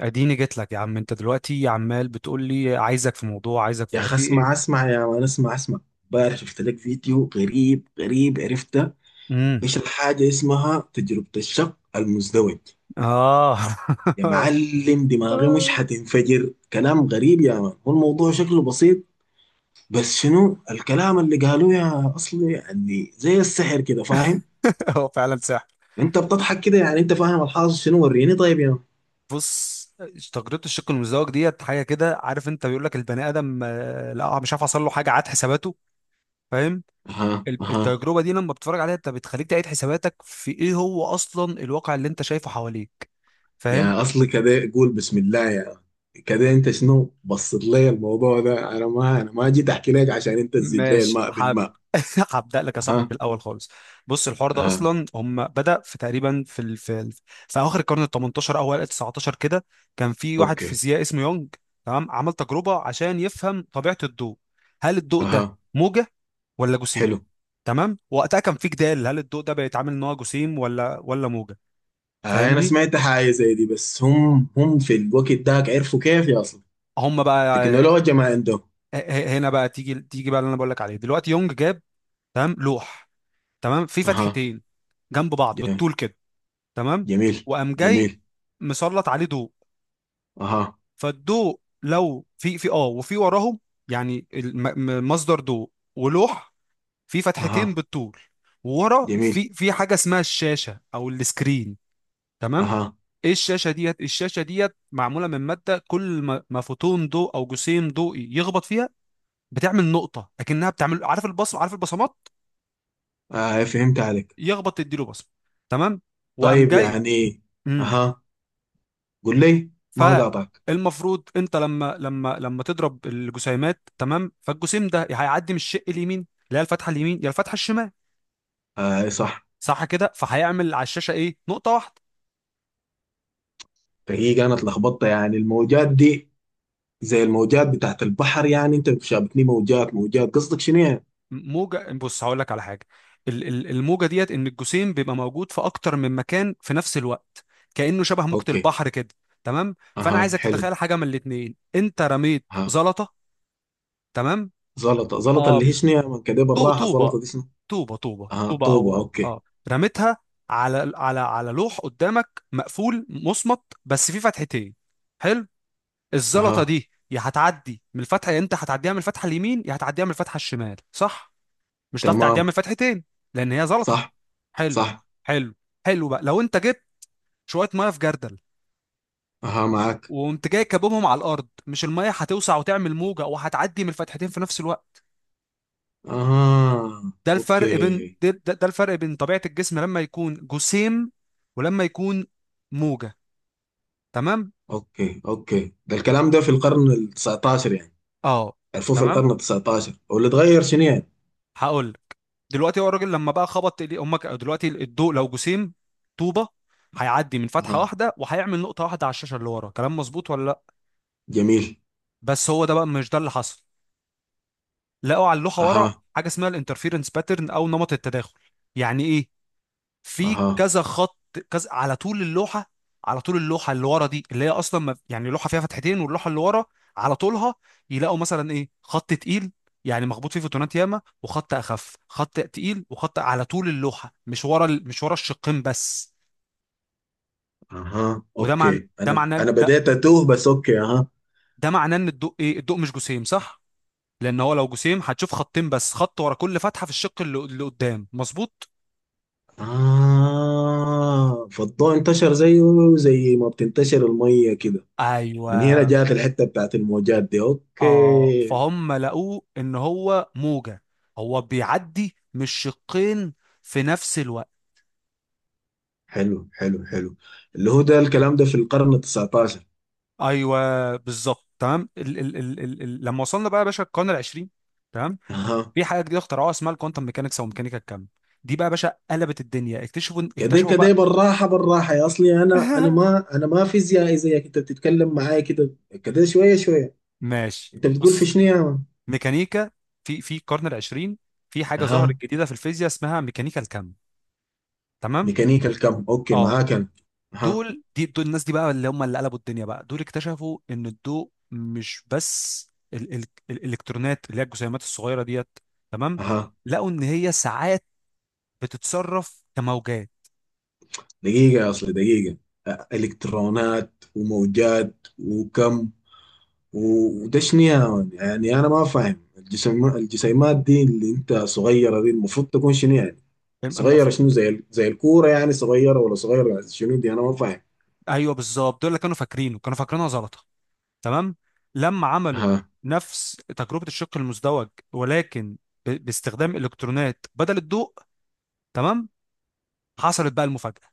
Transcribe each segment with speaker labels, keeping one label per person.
Speaker 1: اديني جيت لك يا عم. انت دلوقتي عمال بتقول لي عايزك في موضوع، عايزك في
Speaker 2: يا
Speaker 1: موضوع،
Speaker 2: أخي
Speaker 1: في
Speaker 2: اسمع
Speaker 1: ايه؟
Speaker 2: اسمع يا مان اسمع اسمع. امبارح شفت لك فيديو غريب غريب عرفته.
Speaker 1: امم
Speaker 2: بيشرح حاجة اسمها تجربة الشق المزدوج.
Speaker 1: اه.
Speaker 2: يا معلم دماغي مش حتنفجر، كلام غريب يا مان، هو الموضوع شكله بسيط. بس شنو الكلام اللي قالوه يا أصلي؟ يعني زي السحر كده، فاهم؟
Speaker 1: هو فعلا سحر.
Speaker 2: أنت بتضحك كده، يعني أنت فاهم الحاصل شنو؟ وريني طيب يا مان.
Speaker 1: بص، تجربة الشق المزدوج ديت حاجة كده، عارف انت؟ بيقول لك البني ادم آه، لا مش عارف، حصل له حاجة عاد حساباته، فاهم؟
Speaker 2: اها اها.
Speaker 1: التجربة دي لما بتتفرج عليها انت، بتخليك تعيد حساباتك في ايه هو اصلا الواقع اللي انت شايفه حواليك، فاهم؟
Speaker 2: يا اصلي كده قول بسم الله يا. كده انت شنو بصت لي الموضوع ده؟ انا ما جيت احكي لك عشان انت تزيد لي
Speaker 1: ماشي
Speaker 2: الماء
Speaker 1: حب.
Speaker 2: بالماء.
Speaker 1: هبدأ لك يا صاحبي
Speaker 2: ها.
Speaker 1: بالأول خالص. بص، الحوار ده
Speaker 2: ها.
Speaker 1: أصلا هم بدأ في تقريبا في في آخر القرن ال 18، أوائل ال 19 كده. كان في واحد
Speaker 2: اوكي.
Speaker 1: فيزيائي اسمه يونج. تمام، عمل تجربة عشان يفهم طبيعة الضوء. هل الضوء ده
Speaker 2: اها.
Speaker 1: موجة ولا جسيم؟
Speaker 2: حلو.
Speaker 1: تمام، وقتها كان في جدال هل الضوء ده بيتعامل ان هو جسيم ولا موجه،
Speaker 2: آه انا
Speaker 1: فاهمني؟
Speaker 2: سمعت حاجه زي دي، بس هم في الوقت داك عرفوا كيف يا اصلي؟
Speaker 1: هم بقى،
Speaker 2: تكنولوجيا ما عندهم.
Speaker 1: هنا بقى تيجي بقى اللي انا بقول لك عليه دلوقتي. يونج جاب، تمام، لوح، تمام، في
Speaker 2: اها.
Speaker 1: فتحتين جنب بعض
Speaker 2: ج-
Speaker 1: بالطول كده، تمام.
Speaker 2: جميل.
Speaker 1: وقام جاي
Speaker 2: جميل.
Speaker 1: مسلط عليه ضوء.
Speaker 2: اها.
Speaker 1: فالضوء لو في في اه وفي وراهم، يعني مصدر ضوء ولوح في فتحتين
Speaker 2: اها.
Speaker 1: بالطول، وورا
Speaker 2: جميل.
Speaker 1: في حاجه اسمها الشاشه او السكرين، تمام.
Speaker 2: اها.
Speaker 1: ايه الشاشه ديت؟ الشاشه ديت معموله من ماده، كل ما فوتون ضوء او جسيم ضوئي يخبط فيها بتعمل نقطه، اكنها بتعمل، عارف البصم، عارف البصمات؟
Speaker 2: آه فهمت عليك.
Speaker 1: يخبط تديله بصمه، تمام. وقام
Speaker 2: طيب
Speaker 1: جاي.
Speaker 2: يعني. اها. قول لي. ما قاطعك.
Speaker 1: فالمفروض انت لما تضرب الجسيمات، تمام، فالجسيم ده يا هيعدي من الشق اليمين اللي هي الفتحه اليمين يا الفتحه الشمال،
Speaker 2: آه صح.
Speaker 1: صح كده؟ فهيعمل على الشاشه ايه؟ نقطه واحده.
Speaker 2: فهي كانت لخبطة يعني الموجات دي، زي الموجات بتاعت البحر يعني، انت شابتني موجات موجات، قصدك شنو يعني؟
Speaker 1: موجه، بص، هقول لك على حاجه. الموجه ديت ان الجسيم بيبقى موجود في اكتر من مكان في نفس الوقت، كانه شبه موجه
Speaker 2: اوكي.
Speaker 1: البحر كده، تمام. فانا
Speaker 2: اها.
Speaker 1: عايزك
Speaker 2: حلو.
Speaker 1: تتخيل حاجه من الاتنين. انت رميت
Speaker 2: اها.
Speaker 1: زلطه، تمام.
Speaker 2: زلطة زلطة
Speaker 1: اه،
Speaker 2: اللي هي شنو يا من؟ كده بالراحة، زلطة
Speaker 1: طوبة،
Speaker 2: دي شنو؟
Speaker 1: طوبة، طوبة،
Speaker 2: اها
Speaker 1: طوبة،
Speaker 2: طوبة
Speaker 1: أو أو
Speaker 2: اوكي.
Speaker 1: أه رميتها على لوح قدامك مقفول مصمت بس فيه فتحتين، حلو. الزلطة
Speaker 2: اها.
Speaker 1: دي يا هتعدي من الفتحة، يا أنت هتعديها من الفتحة اليمين يا هتعديها من الفتحة الشمال، صح؟ مش هتعرف تعديها
Speaker 2: تمام.
Speaker 1: من الفتحتين، لأن هي زلطة.
Speaker 2: صح.
Speaker 1: حلو.
Speaker 2: صح.
Speaker 1: حلو حلو بقى، لو أنت جبت شوية مية في جردل
Speaker 2: اها معك.
Speaker 1: وقمت جاي كابهم على الأرض، مش المية هتوسع وتعمل موجة وهتعدي من الفتحتين في نفس الوقت؟
Speaker 2: اها.
Speaker 1: ده الفرق بين
Speaker 2: اوكي
Speaker 1: ده، الفرق بين طبيعة الجسم لما يكون جسيم ولما يكون موجة، تمام.
Speaker 2: اوكي. اوكي ده الكلام ده في القرن ال 19 يعني؟
Speaker 1: اه
Speaker 2: عرفوه في القرن
Speaker 1: تمام.
Speaker 2: ال 19، واللي اتغير شنو يعني؟
Speaker 1: هقول لك. دلوقتي هو الراجل لما بقى خبط ايديه، امك دلوقتي الضوء لو جسيم، طوبة، هيعدي من فتحة
Speaker 2: اها.
Speaker 1: واحدة وهيعمل نقطة واحدة على الشاشة اللي ورا، كلام مظبوط ولا لا؟
Speaker 2: جميل.
Speaker 1: بس هو ده بقى، مش ده اللي حصل. لقوا على اللوحة ورا
Speaker 2: اها.
Speaker 1: حاجة اسمها الانترفيرنس باترن او نمط التداخل. يعني ايه؟ في
Speaker 2: اها.
Speaker 1: كذا خط، كذا على طول اللوحه، على طول اللوحه اللي ورا دي، اللي هي اصلا ما يعني لوحه فيها فتحتين واللوحه اللي ورا على طولها، يلاقوا مثلا ايه، خط تقيل، يعني مخبوط فيه فوتونات ياما، وخط اخف، خط تقيل، وخط على طول اللوحه، مش ورا مش ورا الشقين بس.
Speaker 2: اها.
Speaker 1: وده معنى
Speaker 2: اوكي،
Speaker 1: ده
Speaker 2: انا
Speaker 1: معناه
Speaker 2: انا
Speaker 1: ده
Speaker 2: بديت اتوه بس، اوكي. اها.
Speaker 1: ده معناه ان الضوء ايه، الضوء مش جسيم صح، لان هو لو جسيم هتشوف خطين بس، خط ورا كل فتحه في الشق اللي قدام، مظبوط.
Speaker 2: اه فالضوء انتشر زيه، زي ما بتنتشر الميه كده،
Speaker 1: ايوه.
Speaker 2: من هنا جات الحته بتاعت الموجات دي،
Speaker 1: اه،
Speaker 2: اوكي.
Speaker 1: فهم لقوه ان هو موجة، هو بيعدي مش شقين في نفس الوقت.
Speaker 2: حلو حلو حلو. اللي هو ده الكلام ده في القرن ال 19.
Speaker 1: ايوه بالظبط تمام. ال ال ال ال ال لما وصلنا بقى يا باشا القرن العشرين، تمام،
Speaker 2: اها.
Speaker 1: في حاجه جديده اخترعوها اسمها الكوانتم ميكانكس او ميكانيكا الكم. دي بقى يا باشا قلبت الدنيا. اكتشفوا
Speaker 2: كده
Speaker 1: اكتشفوا
Speaker 2: كده
Speaker 1: بقى.
Speaker 2: بالراحه بالراحه يا اصلي، انا انا ما انا ما فيزيائي زيك، انت بتتكلم معايا كده كده شويه شويه.
Speaker 1: ماشي.
Speaker 2: انت بتقول في
Speaker 1: بص،
Speaker 2: شنو يا مان؟
Speaker 1: ميكانيكا، في في القرن العشرين في حاجه
Speaker 2: اها.
Speaker 1: ظهرت جديده في الفيزياء اسمها ميكانيكا الكم، تمام.
Speaker 2: ميكانيكا الكم اوكي،
Speaker 1: اه،
Speaker 2: معاك انا. اها.
Speaker 1: دول الناس دي بقى اللي هم اللي قلبوا الدنيا بقى، دول اكتشفوا ان الضوء مش بس، ال ال الالكترونات اللي هي الجسيمات الصغيره ديت، تمام،
Speaker 2: اها.
Speaker 1: لقوا ان هي ساعات بتتصرف كموجات.
Speaker 2: دقيقة، أصل دقيقة. إلكترونات وموجات وكم، وده شنو يا مان؟ يعني أنا ما فاهم، الجسم الجسيمات دي اللي أنت صغيرة دي المفروض تكون شنو يعني؟
Speaker 1: أم- أما ف-
Speaker 2: صغيرة شنو؟ زي الكورة يعني صغيرة، ولا صغيرة شنو دي؟ أنا ما فاهم.
Speaker 1: ايوه بالظبط، دول اللي كانوا فاكرينه، كانوا فاكرينها زلطه، تمام. لما عملوا
Speaker 2: ها.
Speaker 1: نفس تجربه الشق المزدوج ولكن باستخدام الكترونات بدل الضوء، تمام، حصلت بقى المفاجاه.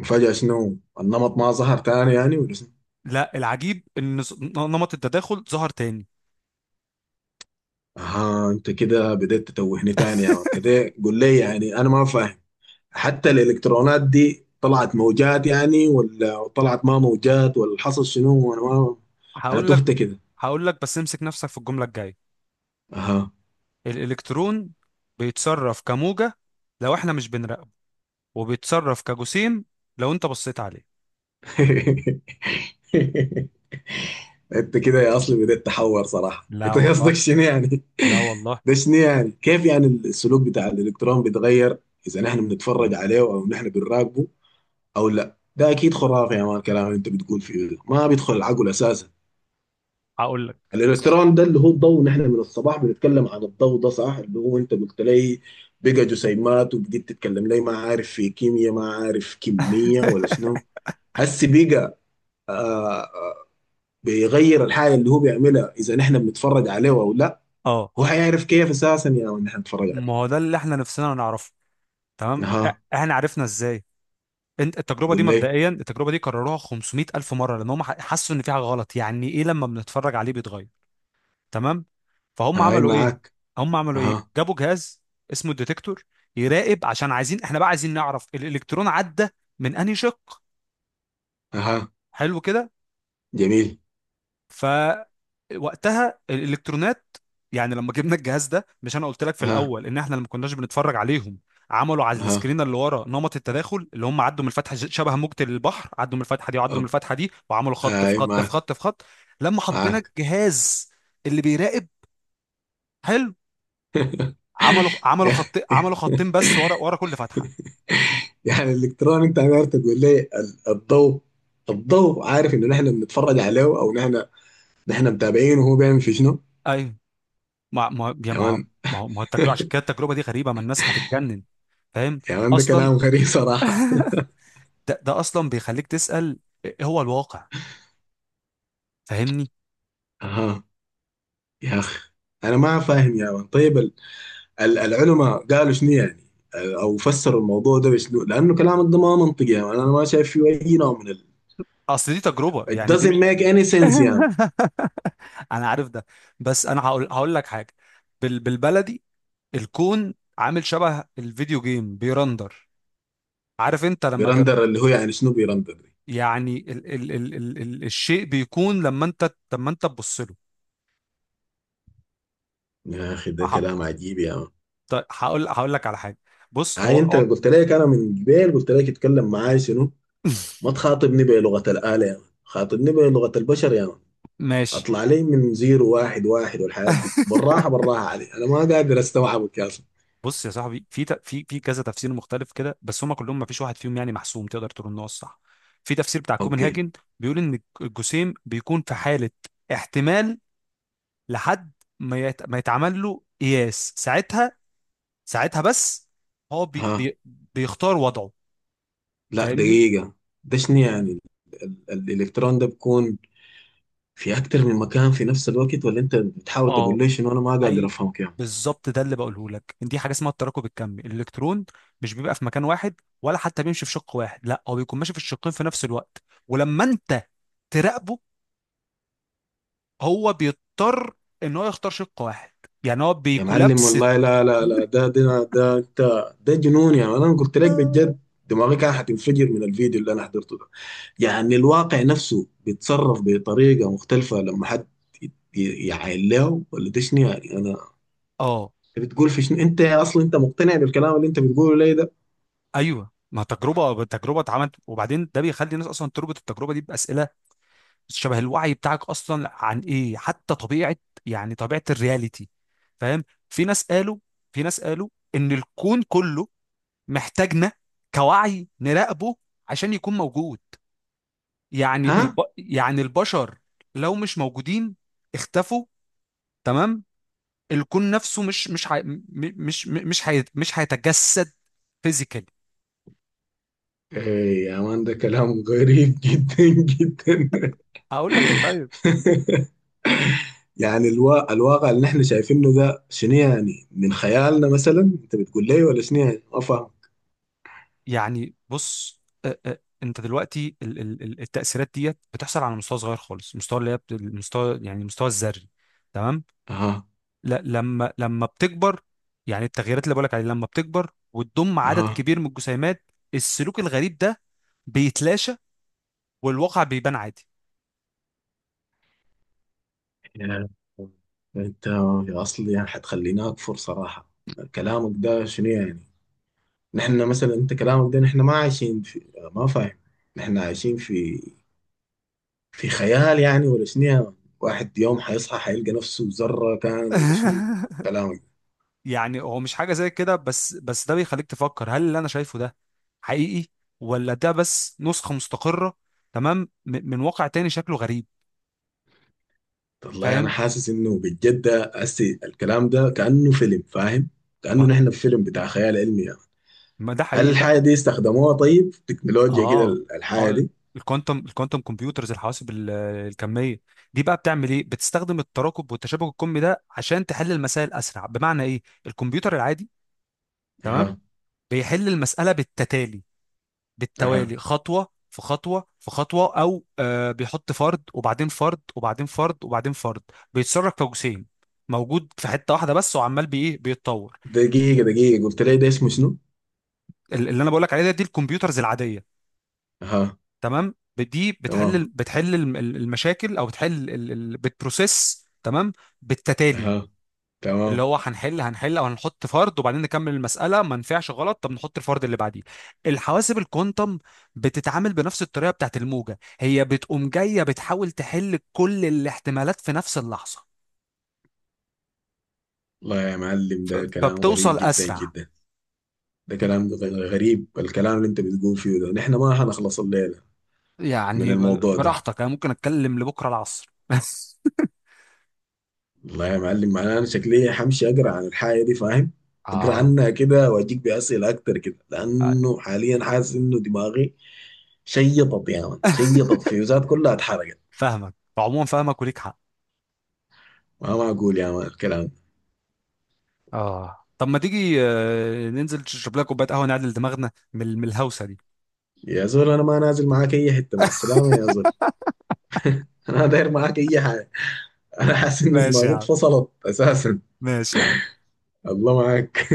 Speaker 2: وفجأة شنو؟ النمط ما ظهر تاني يعني ولا شنو؟
Speaker 1: لا، العجيب ان نمط التداخل ظهر تاني.
Speaker 2: أها أنت كده بديت تتوهني تاني يا مان، كده قول لي يعني أنا ما فاهم. حتى الالكترونات دي طلعت موجات يعني، ولا طلعت ما موجات، ولا حصل شنو؟ انا ما، انا
Speaker 1: هقول لك،
Speaker 2: تهت كده.
Speaker 1: بس امسك نفسك في الجملة الجاية.
Speaker 2: اها.
Speaker 1: الإلكترون بيتصرف كموجة لو احنا مش بنراقبه، وبيتصرف كجسيم لو انت بصيت عليه.
Speaker 2: انت كده يا اصلي بديت تحور صراحه،
Speaker 1: لا
Speaker 2: انت قصدك
Speaker 1: والله.
Speaker 2: شنو يعني؟
Speaker 1: لا والله.
Speaker 2: ده شنو يعني؟ كيف يعني السلوك بتاع الالكترون بيتغير اذا نحن بنتفرج عليه او نحن بنراقبه او لا؟ ده اكيد خرافه يا مان، الكلام اللي انت بتقول فيه ده ما بيدخل العقل اساسا.
Speaker 1: هقول لك. بص.
Speaker 2: الالكترون ده اللي هو الضوء، نحن من الصباح بنتكلم عن الضوء ده صح، اللي هو انت قلت لي بقى جسيمات، وبديت تتكلم لي ما عارف في كيمياء، ما عارف كمية، ولا شنو؟ هسي بقى. آه. بيغير الحاجة اللي هو بيعملها إذا نحن بنتفرج عليه أو لا؟
Speaker 1: اه
Speaker 2: هو حيعرف كيف أساسا يا يعني نحن نتفرج
Speaker 1: ما
Speaker 2: عليه؟
Speaker 1: هو ده اللي احنا نفسنا نعرفه، تمام.
Speaker 2: أها.
Speaker 1: احنا عرفنا ازاي؟ انت التجربه
Speaker 2: قول
Speaker 1: دي
Speaker 2: لي.
Speaker 1: مبدئيا، التجربه دي كرروها 500 الف مره، لان هم حسوا ان في حاجه غلط، يعني ايه لما بنتفرج عليه بيتغير، تمام. فهم
Speaker 2: هاي
Speaker 1: عملوا ايه،
Speaker 2: معاك.
Speaker 1: هم عملوا ايه؟
Speaker 2: أها.
Speaker 1: جابوا جهاز اسمه الديتكتور يراقب، عشان عايزين، احنا بقى عايزين نعرف الالكترون عدى من انهي شق.
Speaker 2: أها.
Speaker 1: حلو كده.
Speaker 2: جميل.
Speaker 1: فوقتها الالكترونات، يعني لما جبنا الجهاز ده، مش انا قلت لك في
Speaker 2: أها.
Speaker 1: الاول ان احنا لما كناش بنتفرج عليهم عملوا على
Speaker 2: أها.
Speaker 1: السكرين اللي ورا نمط التداخل، اللي هم عدوا من الفتحه، شبه موجة البحر، عدوا من الفتحه دي وعدوا من
Speaker 2: أوك.
Speaker 1: الفتحه دي وعملوا خط في
Speaker 2: هاي
Speaker 1: خط في
Speaker 2: معاك.
Speaker 1: خط في خط. لما حطينا
Speaker 2: معاك.
Speaker 1: الجهاز اللي بيراقب، حلو، عملوا
Speaker 2: يا أخي.
Speaker 1: خط، عملوا خطين بس ورا، ورا كل فتحه.
Speaker 2: يعني الالكترون، انت عارف تقول لي الضوء، الضوء عارف ان نحن بنتفرج عليه او نحن، نحن متابعينه وهو بيعمل في شنو؟
Speaker 1: ايوه. ما ما يا
Speaker 2: يا
Speaker 1: ما
Speaker 2: مان.
Speaker 1: ما هو التجربه، عشان كده التجربه دي غريبه، ما الناس هتتجنن، فاهم؟
Speaker 2: يا مان ده كلام
Speaker 1: اصلا
Speaker 2: غريب صراحة.
Speaker 1: ده اصلا بيخليك تسال إيه هو الواقع، فاهمني؟
Speaker 2: اها. يا اخ، انا ما فاهم يا مان. طيب العلماء قالوا شنو يعني؟ او فسروا الموضوع ده بشنو؟ لانه كلامك ده ما منطقي يا مان، انا ما شايف فيه اي نوع من ال.
Speaker 1: اصل دي تجربه،
Speaker 2: It
Speaker 1: يعني دي
Speaker 2: doesn't
Speaker 1: مش...
Speaker 2: make any sense يا مان.
Speaker 1: انا عارف ده، بس انا هقول لك حاجه. بال بالبلدي. الكون عامل شبه الفيديو جيم بيرندر. عارف انت لما تب...
Speaker 2: بيرندر اللي هو يعني شنو بيرندر دي؟
Speaker 1: يعني ال ال ال ال ال الشيء بيكون لما انت تبص
Speaker 2: يا اخي ده
Speaker 1: له.
Speaker 2: كلام عجيب يا مان.
Speaker 1: طيب هقول لك على حاجه. بص، هو
Speaker 2: هاي، انت
Speaker 1: هو
Speaker 2: قلت لك انا من جبال قلت لك اتكلم معاي شنو؟ ما تخاطبني بلغة الآلة يا مان، خاطبني بلغة البشر يا مان.
Speaker 1: ماشي،
Speaker 2: اطلع لي من زيرو واحد واحد، والحياة دي بالراحة بالراحة علي، انا ما قادر استوعبك يا اصلا.
Speaker 1: بص يا صاحبي، في في كذا تفسير مختلف كده، بس هما كلهم ما فيش واحد فيهم يعني محسوم تقدر تقول ان هو الصح. في تفسير بتاع
Speaker 2: اوكي.
Speaker 1: كوبنهاجن، بيقول ان الجسيم بيكون في حاله احتمال لحد ما ما يتعمل له قياس، ساعتها، ساعتها بس، هو
Speaker 2: ها.
Speaker 1: بيختار وضعه،
Speaker 2: لا
Speaker 1: فاهمني؟
Speaker 2: دقيقة. ده شنو يعني الالكترون ده بيكون في اكتر من مكان في نفس الوقت، ولا انت بتحاول تقول
Speaker 1: اه.
Speaker 2: لي شنو؟ انا ما قادر
Speaker 1: ايوه
Speaker 2: افهمك يا مان.
Speaker 1: بالظبط، ده اللي بقوله لك، دي حاجه اسمها التراكب الكمي. الالكترون مش بيبقى في مكان واحد، ولا حتى بيمشي في شق واحد، لا، هو بيكون ماشي في الشقين في نفس الوقت. ولما انت تراقبه هو بيضطر ان هو يختار شق واحد، يعني هو
Speaker 2: يا معلم
Speaker 1: بيكولابس.
Speaker 2: والله، لا لا لا، ده ده ده انت، ده جنون يا مان، انا قلت لك بجد، دماغي كان حتنفجر من الفيديو اللي انا حضرته ده. يعني الواقع نفسه بيتصرف بطريقة مختلفة لما حد يعاين له، ولا ده شنو يعني؟ أنا،
Speaker 1: اه
Speaker 2: أنت بتقول في شنو؟ أنت أصلا أنت مقتنع بالكلام اللي أنت بتقوله لي ده؟
Speaker 1: ايوه، ما تجربه، تجربه اتعملت، وبعدين ده بيخلي الناس اصلا تربط التجربه دي باسئله شبه الوعي بتاعك اصلا عن ايه حتى طبيعه، يعني طبيعه الرياليتي، فاهم؟ في ناس قالوا في ناس قالوا ان الكون كله محتاجنا كوعي نراقبه عشان يكون موجود. يعني
Speaker 2: ها؟
Speaker 1: يعني البشر لو مش موجودين، اختفوا، تمام، الكون نفسه مش مش ح... مش مش مش هي... مش هيتجسد فيزيكالي.
Speaker 2: إيه يا مان ده كلام غريب جدا جدا.
Speaker 1: اقول لك انت،
Speaker 2: يعني الوا، الواقع اللي نحن شايفينه ده شنو يعني؟ من خيالنا مثلا أنت بتقول لي ولا شنو يعني؟ ما فاهم.
Speaker 1: يعني بص، أ- أ- انت دلوقتي التأثيرات ديت بتحصل على مستوى صغير خالص، مستوى اللي هي المستوى يعني المستوى الذري، تمام.
Speaker 2: أها.
Speaker 1: لا، لما بتكبر، يعني التغييرات اللي بقولك عليها لما بتكبر وتضم عدد
Speaker 2: أها.
Speaker 1: كبير من الجسيمات، السلوك الغريب ده بيتلاشى، والواقع بيبان عادي.
Speaker 2: يعني أنت يا أصلي يعني حتخليني أكفر صراحة، كلامك ده شنو يعني؟ نحن مثلا، انت كلامك ده نحن ما عايشين في، ما فاهم، نحن عايشين في في خيال يعني ولا شنو يعني؟ واحد يوم حيصحى حيلقى نفسه ذرة كان ولا شنو؟ كلامك
Speaker 1: يعني هو مش حاجة زي كده، بس ده بيخليك تفكر هل اللي انا شايفه ده حقيقي، ولا ده بس نسخة مستقرة، تمام، من واقع تاني شكله غريب،
Speaker 2: ده والله انا
Speaker 1: فاهم؟
Speaker 2: حاسس انه بجد، ده هسي الكلام ده كأنه فيلم، فاهم؟ كأنه نحن في فيلم بتاع خيال علمي يعني.
Speaker 1: ما ده
Speaker 2: هل
Speaker 1: حقيقي ده.
Speaker 2: الحاجة دي استخدموها طيب في تكنولوجيا كده،
Speaker 1: اه اه
Speaker 2: الحاجة دي؟
Speaker 1: الكوانتم، الكوانتم كمبيوترز، الحواسب الكميه، دي بقى بتعمل ايه، بتستخدم التراكب والتشابك الكمي ده عشان تحل المسائل اسرع. بمعنى ايه؟ الكمبيوتر العادي، تمام،
Speaker 2: اها.
Speaker 1: بيحل المساله بالتتالي،
Speaker 2: اها.
Speaker 1: بالتوالي، خطوه في خطوه في خطوه، او آه بيحط فرد وبعدين فرد وبعدين فرد وبعدين فرد، بيتصرف كجسيم موجود في حته واحده بس، وعمال بايه، بيتطور.
Speaker 2: دقيقة دقيقة، قلت لي ده اسمه شنو؟
Speaker 1: اللي انا بقول لك عليه ده، دي الكمبيوترز العاديه،
Speaker 2: اها.
Speaker 1: تمام، دي
Speaker 2: تمام.
Speaker 1: بتحل المشاكل، او بتحل بتبروسيس، تمام، بالتتالي.
Speaker 2: اها.
Speaker 1: اللي
Speaker 2: تمام.
Speaker 1: هو هنحل او هنحط فرد وبعدين نكمل المساله، ما نفعش غلط، طب نحط الفرد اللي بعديه. الحواسب الكوانتم بتتعامل بنفس الطريقه بتاعت الموجه، هي بتقوم جايه بتحاول تحل كل الاحتمالات في نفس اللحظه،
Speaker 2: والله يا معلم ده كلام غريب
Speaker 1: فبتوصل
Speaker 2: جدا
Speaker 1: اسرع.
Speaker 2: جدا. ده كلام غريب، الكلام اللي انت بتقول فيه ده نحن ما هنخلص الليلة من
Speaker 1: يعني
Speaker 2: الموضوع ده.
Speaker 1: براحتك، انا ممكن اتكلم لبكره العصر.
Speaker 2: والله يا معلم معناه انا شكلي حمشي اقرا عن الحاجة دي، فاهم؟ اقرا
Speaker 1: اه.
Speaker 2: عنها كده واجيك بأسئلة اكتر كده، لانه حاليا حاسس انه دماغي شيطت يا مان، شيطت، فيوزات كلها اتحرقت.
Speaker 1: فاهمك عموما، فاهمك وليك حق.
Speaker 2: ما معقول يا مان الكلام ده.
Speaker 1: اه، طب ما تيجي ننزل نشرب لنا كوبايه قهوه، نعدل دماغنا من الهوسه دي.
Speaker 2: يا زول انا ما نازل معاك اي حتة، مع السلامة يا زول. انا داير معاك اي حاجة، انا حاسس انه
Speaker 1: ماشي يا
Speaker 2: دماغي
Speaker 1: عم.
Speaker 2: اتفصلت اساسا.
Speaker 1: ماشي يا عم.
Speaker 2: الله معاك.